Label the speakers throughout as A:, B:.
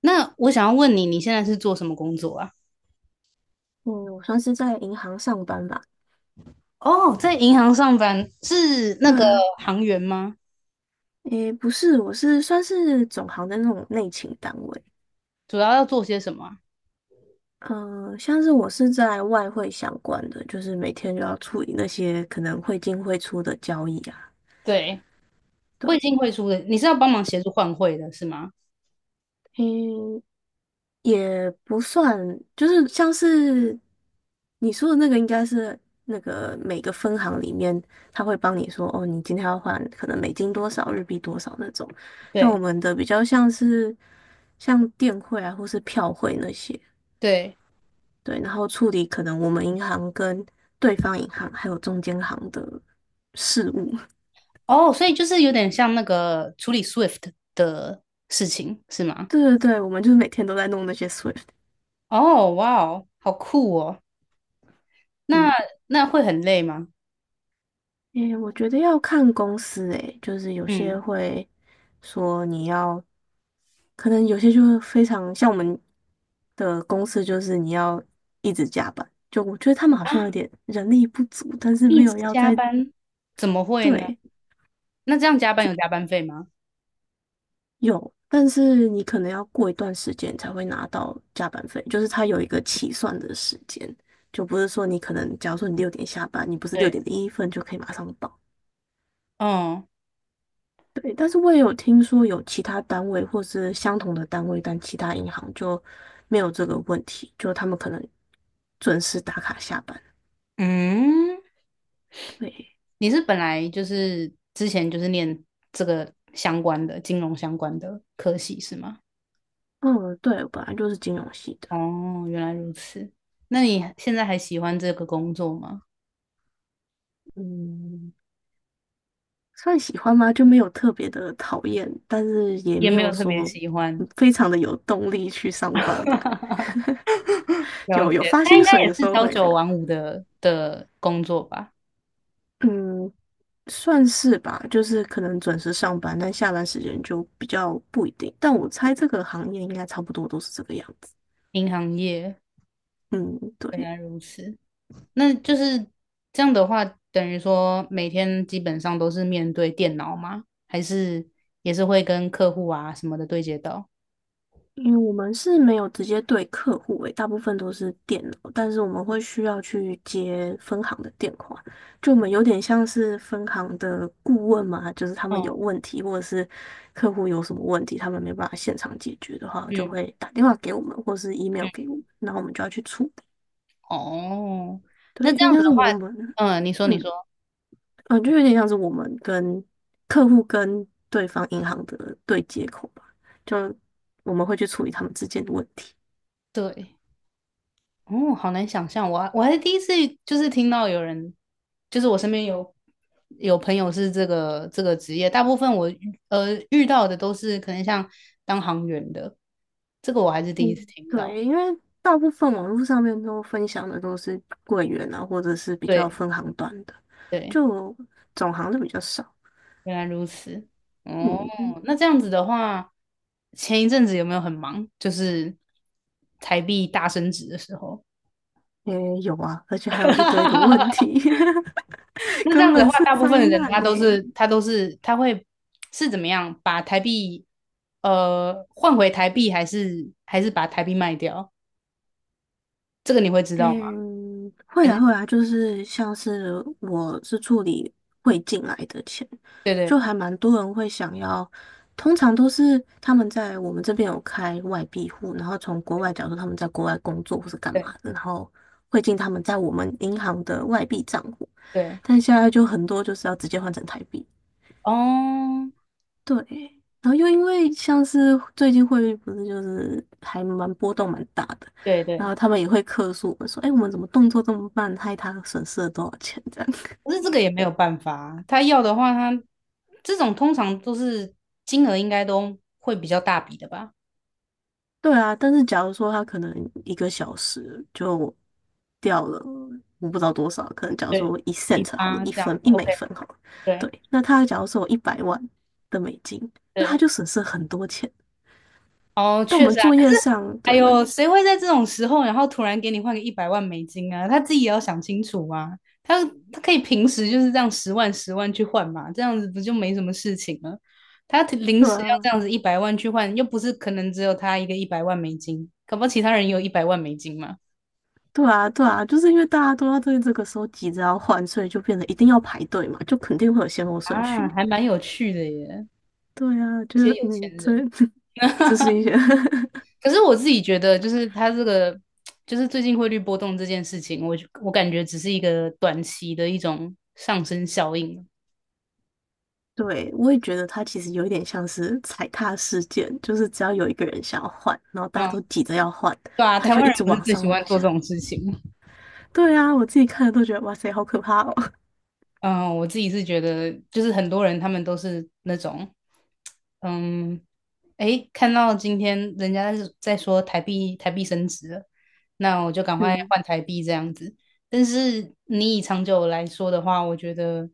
A: 那我想要问你，你现在是做什么工作啊？
B: 嗯，我算是在银行上班吧。
A: 哦，在银行上班是那
B: 对
A: 个
B: 啊，
A: 行员吗？
B: 诶，不是，我是算是总行的那种内勤单位。
A: 主要要做些什么啊？
B: 嗯、像是我是在外汇相关的，就是每天就要处理那些可能汇进汇出的交易啊。
A: 对，汇
B: 对，
A: 进汇出的，你是要帮忙协助换汇的是吗？
B: 嗯。也不算，就是像是你说的那个，应该是那个每个分行里面，他会帮你说，哦，你今天要换可能美金多少，日币多少那种。但
A: 对
B: 我们的比较像是像电汇啊，或是票汇那些，
A: 对，
B: 对，然后处理可能我们银行跟对方银行还有中间行的事务。
A: 哦，所以就是有点像那个处理 SWIFT 的事情是吗？
B: 对对对，我们就是每天都在弄那些 SWIFT。
A: 哦，哇哦，好酷哦！
B: 嗯。
A: 那那会很累吗？
B: 诶，我觉得要看公司诶，就是有些
A: 嗯
B: 会说你要，可能有些就非常像我们的公司，就是你要一直加班。就我觉得他们好像有
A: 啊，
B: 点人力不足，但是
A: 一
B: 没
A: 直
B: 有要
A: 加
B: 在，
A: 班，怎么会呢？
B: 对，
A: 那这样加班有加班费吗？
B: 有，但是你可能要过一段时间才会拿到加班费，就是它有一个起算的时间，就不是说你可能假如说你六点下班，你不是六
A: 对，
B: 点零一分就可以马上到。
A: 哦，
B: 对，但是我也有听说有其他单位或是相同的单位，但其他银行就没有这个问题，就他们可能准时打卡下班。
A: 嗯。
B: 对，
A: 你是本来就是之前就是念这个相关的金融相关的科系是吗？
B: 嗯，对，我本来就是金融系的，
A: 哦，原来如此。那你现在还喜欢这个工作吗？
B: 嗯，算喜欢吗？就没有特别的讨厌，但是也
A: 也
B: 没
A: 没
B: 有
A: 有特别
B: 说
A: 喜欢，
B: 非常的有动力去上班这样。
A: 了
B: 有
A: 解。
B: 发
A: 他
B: 薪
A: 应该
B: 水
A: 也
B: 的时
A: 是
B: 候
A: 朝
B: 会有，
A: 九晚五的工作吧？
B: 嗯，算是吧，就是可能准时上班，但下班时间就比较不一定。但我猜这个行业应该差不多都是这个样子。
A: 银行业，
B: 嗯，
A: 原
B: 对，
A: 来如此。那就是这样的话，等于说每天基本上都是面对电脑吗？还是也是会跟客户啊什么的对接到？
B: 因为我们是没有直接对客户诶，大部分都是电脑，但是我们会需要去接分行的电话，就我们有点像是分行的顾问嘛，就是他们有
A: 嗯
B: 问题或者是客户有什么问题，他们没办法现场解决的话，
A: 嗯
B: 就
A: 嗯
B: 会打电话给我们或是 email 给我们，然后我们就要去处理。
A: 哦，
B: 对，
A: 那
B: 有
A: 这
B: 点
A: 样子
B: 像是
A: 的话，
B: 我们。
A: 嗯，你说你
B: 嗯，
A: 说，
B: 嗯，就有点像是我们跟客户跟对方银行的对接口吧，就我们会去处理他们之间的问题。
A: 对，哦，好难想象，我还是第一次就是听到有人，就是我身边有朋友是这个职业，大部分我遇到的都是可能像当航员的，这个我还是第一
B: 嗯，
A: 次听到。
B: 对，因为大部分网络上面都分享的都是柜员啊，或者是比较
A: 对
B: 分行端的，
A: 对，
B: 就总行的比较少。
A: 原来如此。哦，
B: 嗯，
A: 那这样子的话，前一阵子有没有很忙？就是台币大升值的时候。
B: 也有啊，而且还有一堆的问 题，
A: 那这样
B: 根
A: 子的
B: 本
A: 话，
B: 是
A: 大部
B: 灾
A: 分的人
B: 难
A: 他都
B: 呢。
A: 是他都是他会是怎么样把台币换回台币，还是把台币卖掉？这个你会知道吗？
B: 嗯，会
A: 还
B: 啊
A: 是
B: 会啊，就是像是我是处理汇进来的钱，
A: 对对
B: 就还蛮多人会想要，通常都是他们在我们这边有开外币户，然后从国外，
A: 对
B: 假如说他们在国外工作或是干嘛
A: 对
B: 的，然后汇进他们在我们银行的外币账户，
A: 对
B: 但现在就很多就是要直接换成台币。
A: 哦，
B: 对，然后又因为像是最近汇率不是就是还蛮波动蛮大的，
A: 对
B: 然
A: 对，
B: 后他们也会客诉我们说，哎，我们怎么动作这么慢，害他损失了多少钱这样。
A: 可是这个也没有办法啊，他要的话他，这种通常都是金额应该都会比较大笔的吧？
B: 对啊，但是假如说他可能一个小时就掉了，我不知道多少，可能假如
A: 对，
B: 说一
A: 一
B: cent 好了，
A: 八
B: 一
A: 这样
B: 分
A: 子
B: 一美
A: ，OK,
B: 分好了，
A: 对
B: 对，那他假如说有100万的美金，那他
A: 对。
B: 就损失了很多钱。
A: 哦，
B: 但我
A: 确
B: 们
A: 实啊，
B: 作
A: 可
B: 业
A: 是，
B: 上，
A: 哎
B: 对
A: 呦，谁会在这种时候，然后突然给你换个一百万美金啊？他自己也要想清楚啊。他他可以平时就是这样十万十万去换嘛，这样子不就没什么事情了？他临
B: 对
A: 时要
B: 啊，
A: 这样子一百万去换，又不是可能只有他一个一百万美金，搞不好其他人也有一百万美金嘛。
B: 对啊，对啊，就是因为大家都要对这个时候急着要换，所以就变得一定要排队嘛，就肯定会有先后顺序。
A: 啊，还蛮有趣的耶，
B: 对啊，就
A: 这些
B: 是
A: 有钱
B: 嗯，这
A: 人。
B: 这是一 些
A: 可是我自己觉得，就是它这个，就是最近汇率波动这件事情，我感觉只是一个短期的一种上升效应。
B: 对，我也觉得它其实有一点像是踩踏事件，就是只要有一个人想要换，然后大家
A: 嗯，
B: 都急着要换，
A: 对啊，
B: 他
A: 台
B: 就
A: 湾
B: 一
A: 人
B: 直
A: 不是
B: 往
A: 最喜
B: 上
A: 欢
B: 往
A: 做这
B: 下。
A: 种事情。
B: 对啊，我自己看了都觉得哇塞，好可怕哦。
A: 嗯，我自己是觉得，就是很多人他们都是那种，嗯，诶，看到今天人家是在说台币升值了，那我就赶 快
B: 嗯
A: 换台币这样子。但是你以长久来说的话，我觉得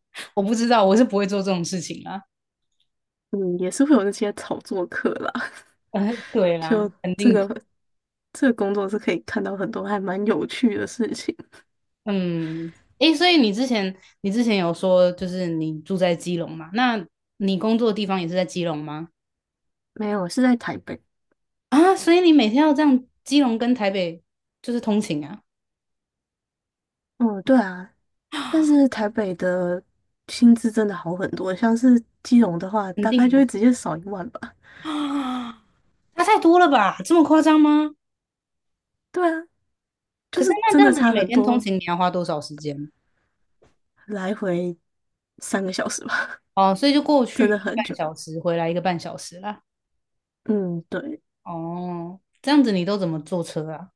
A: 我不知道，我是不会做这种事情啊。
B: 嗯，也是会有那些炒作客啦，
A: 对 啦，
B: 就
A: 肯
B: 这
A: 定是
B: 个这个工作是可以看到很多还蛮有趣的事情。
A: 嗯，诶，所以你之前有说就是你住在基隆嘛？那你工作的地方也是在基隆吗？
B: 没有，是在台北。
A: 啊，所以你每天要这样基隆跟台北就是通勤啊，
B: 嗯，对啊，但是台北的薪资真的好很多，像是基隆的话，
A: 肯
B: 大概
A: 定
B: 就会
A: 哦
B: 直接少1万吧。
A: 啊，差太多了吧？这么夸张吗？
B: 对啊，就
A: 可是
B: 是
A: 那
B: 真
A: 这
B: 的
A: 样子，你
B: 差
A: 每
B: 很
A: 天通
B: 多，
A: 勤你要花多少时间？
B: 来回3个小时吧，
A: 哦，所以就过 去
B: 真
A: 一个
B: 的很
A: 半
B: 久。
A: 小时，回来一个半小时啦。
B: 嗯，对，
A: 哦，这样子你都怎么坐车啊？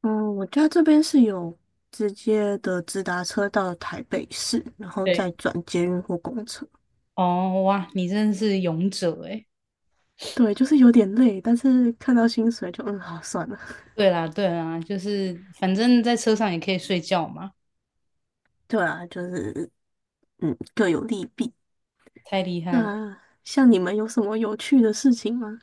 B: 嗯，我家这边是有直接的直达车到台北市，然后
A: 对，
B: 再转捷运或公车。
A: 哦，哇，你真的是勇者诶。
B: 对，就是有点累，但是看到薪水就嗯，好算了。
A: 对啦，对啦，就是反正在车上也可以睡觉嘛，
B: 对啊，就是嗯，各有利弊。
A: 太厉害了。
B: 那像你们有什么有趣的事情吗？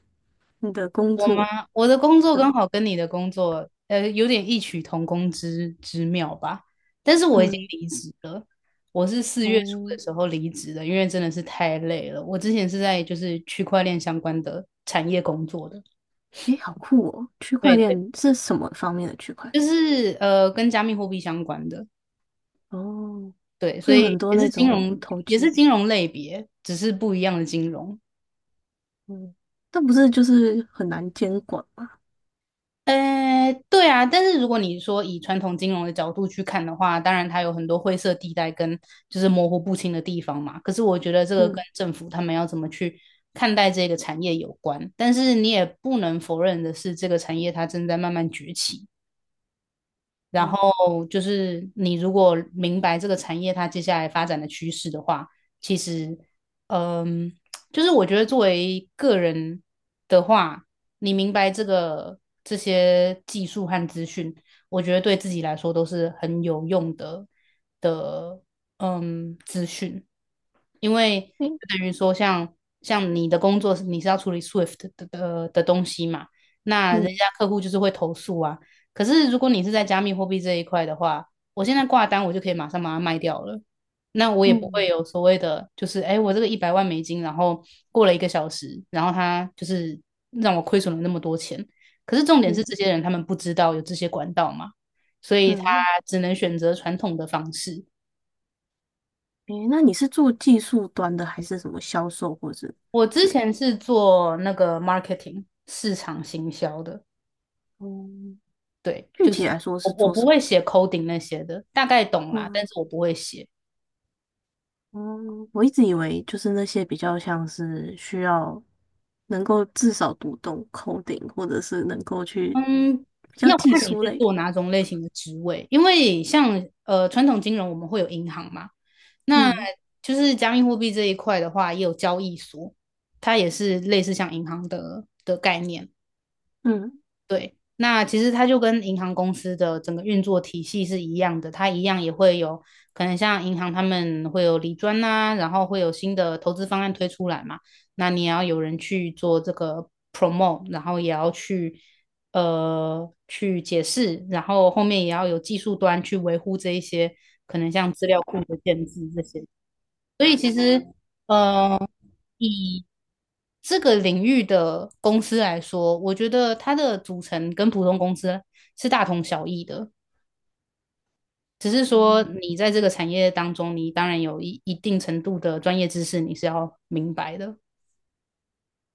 B: 你的工
A: 我吗？
B: 作？
A: 我的工作刚
B: 嗯
A: 好跟你的工作，呃，有点异曲同工之妙吧。但是我已经
B: 嗯
A: 离职了，我是四月初的
B: 哦，
A: 时候离职的，因为真的是太累了。我之前是在就是区块链相关的产业工作的，
B: 诶，好酷哦！区块
A: 对，
B: 链是什么方面的区块
A: 就
B: 链？
A: 是跟加密货币相关的，
B: 哦，
A: 对，
B: 会
A: 所
B: 有很
A: 以
B: 多
A: 也
B: 那
A: 是金
B: 种
A: 融，
B: 投
A: 也是
B: 机，
A: 金融类别，只是不一样的金融。
B: 嗯，但不是就是很难监管吗？
A: 对啊，但是如果你说以传统金融的角度去看的话，当然它有很多灰色地带跟就是模糊不清的地方嘛。可是我觉得这个跟
B: 嗯
A: 政府他们要怎么去看待这个产业有关，但是你也不能否认的是，这个产业它正在慢慢崛起。然
B: 嗯
A: 后就是你如果明白这个产业它接下来发展的趋势的话，其实，嗯，就是我觉得作为个人的话，你明白这些技术和资讯，我觉得对自己来说都是很有用的，嗯，资讯，因为
B: 诶
A: 就等于说像你的工作是你是要处理 Swift 的东西嘛，那人
B: 嗯
A: 家客户就是会投诉啊。可是如果你是在加密货币这一块的话，我现在挂单，我就可以马上把它卖掉了。那我也不
B: 嗯
A: 会有所谓的，就是哎，我这个一百万美金，然后过了一个小时，然后它就是让我亏损了那么多钱。可是重点
B: 嗯
A: 是，这些人他们不知道有这些管道嘛，所以他
B: 嗯，
A: 只能选择传统的方式。
B: 诶，那你是做技术端的还是什么销售或者
A: 我
B: 之
A: 之
B: 类？
A: 前是做那个 marketing 市场行销的，
B: 哦，
A: 对，
B: 具
A: 就是
B: 体来说
A: 我
B: 是
A: 我
B: 做
A: 不
B: 什
A: 会
B: 么？
A: 写 coding 那些的，大概懂啦，
B: 嗯。
A: 但是我不会写。
B: 嗯，我一直以为就是那些比较像是需要能够至少读懂 coding,或者是能够去
A: 嗯，
B: 比较
A: 要
B: 技
A: 看你
B: 术
A: 是
B: 类。
A: 做哪种类型的职位，因为像传统金融我们会有银行嘛，那
B: 嗯
A: 就是加密货币这一块的话，也有交易所，它也是类似像银行的概念。
B: 嗯
A: 对，那其实它就跟银行公司的整个运作体系是一样的，它一样也会有可能像银行他们会有理专呐、然后会有新的投资方案推出来嘛，那你也要有人去做这个 promote,然后也要去去解释，然后后面也要有技术端去维护这一些可能像资料库的建制这些，所以其实呃以这个领域的公司来说，我觉得它的组成跟普通公司是大同小异的，只是说
B: 嗯，
A: 嗯你在这个产业当中，你当然有一定程度的专业知识，你是要明白的。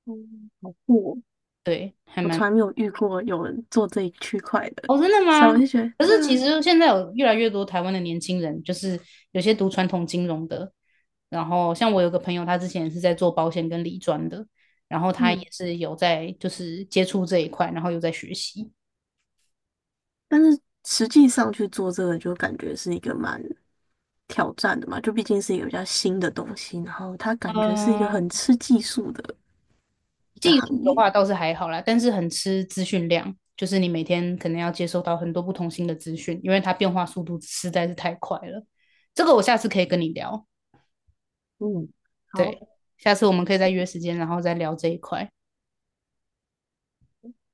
B: 嗯，好酷哦！
A: 对，还
B: 我
A: 蛮……
B: 从来没有遇过有人做这一区块的，
A: 哦，真的
B: 所以
A: 吗？
B: 我就觉得
A: 可
B: 对
A: 是其
B: 啊，
A: 实现在有越来越多台湾的年轻人，就是有些读传统金融的，然后像我有个朋友，他之前是在做保险跟理专的，然后他
B: 嗯，
A: 也是有在就是接触这一块，然后有在学习。
B: 但是实际上去做这个就感觉是一个蛮挑战的嘛，就毕竟是一家新的东西，然后它感觉是一个很
A: 嗯。
B: 吃技术的一个
A: 技
B: 行
A: 术的
B: 业。
A: 话倒是还好啦，但是很吃资讯量，就是你每天可能要接收到很多不同新的资讯，因为它变化速度实在是太快了。这个我下次可以跟你聊，
B: 嗯，好。
A: 对，下次我们可以再约时间，然后再聊这一块。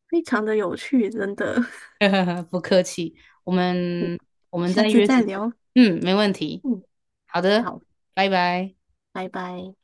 B: 非常的有趣，真的。
A: 不客气，我
B: 嗯
A: 们我们
B: 下
A: 再
B: 次
A: 约时
B: 再
A: 间，
B: 聊。
A: 嗯，没问题。
B: 嗯，
A: 好的，
B: 好，
A: 拜拜。
B: 拜拜。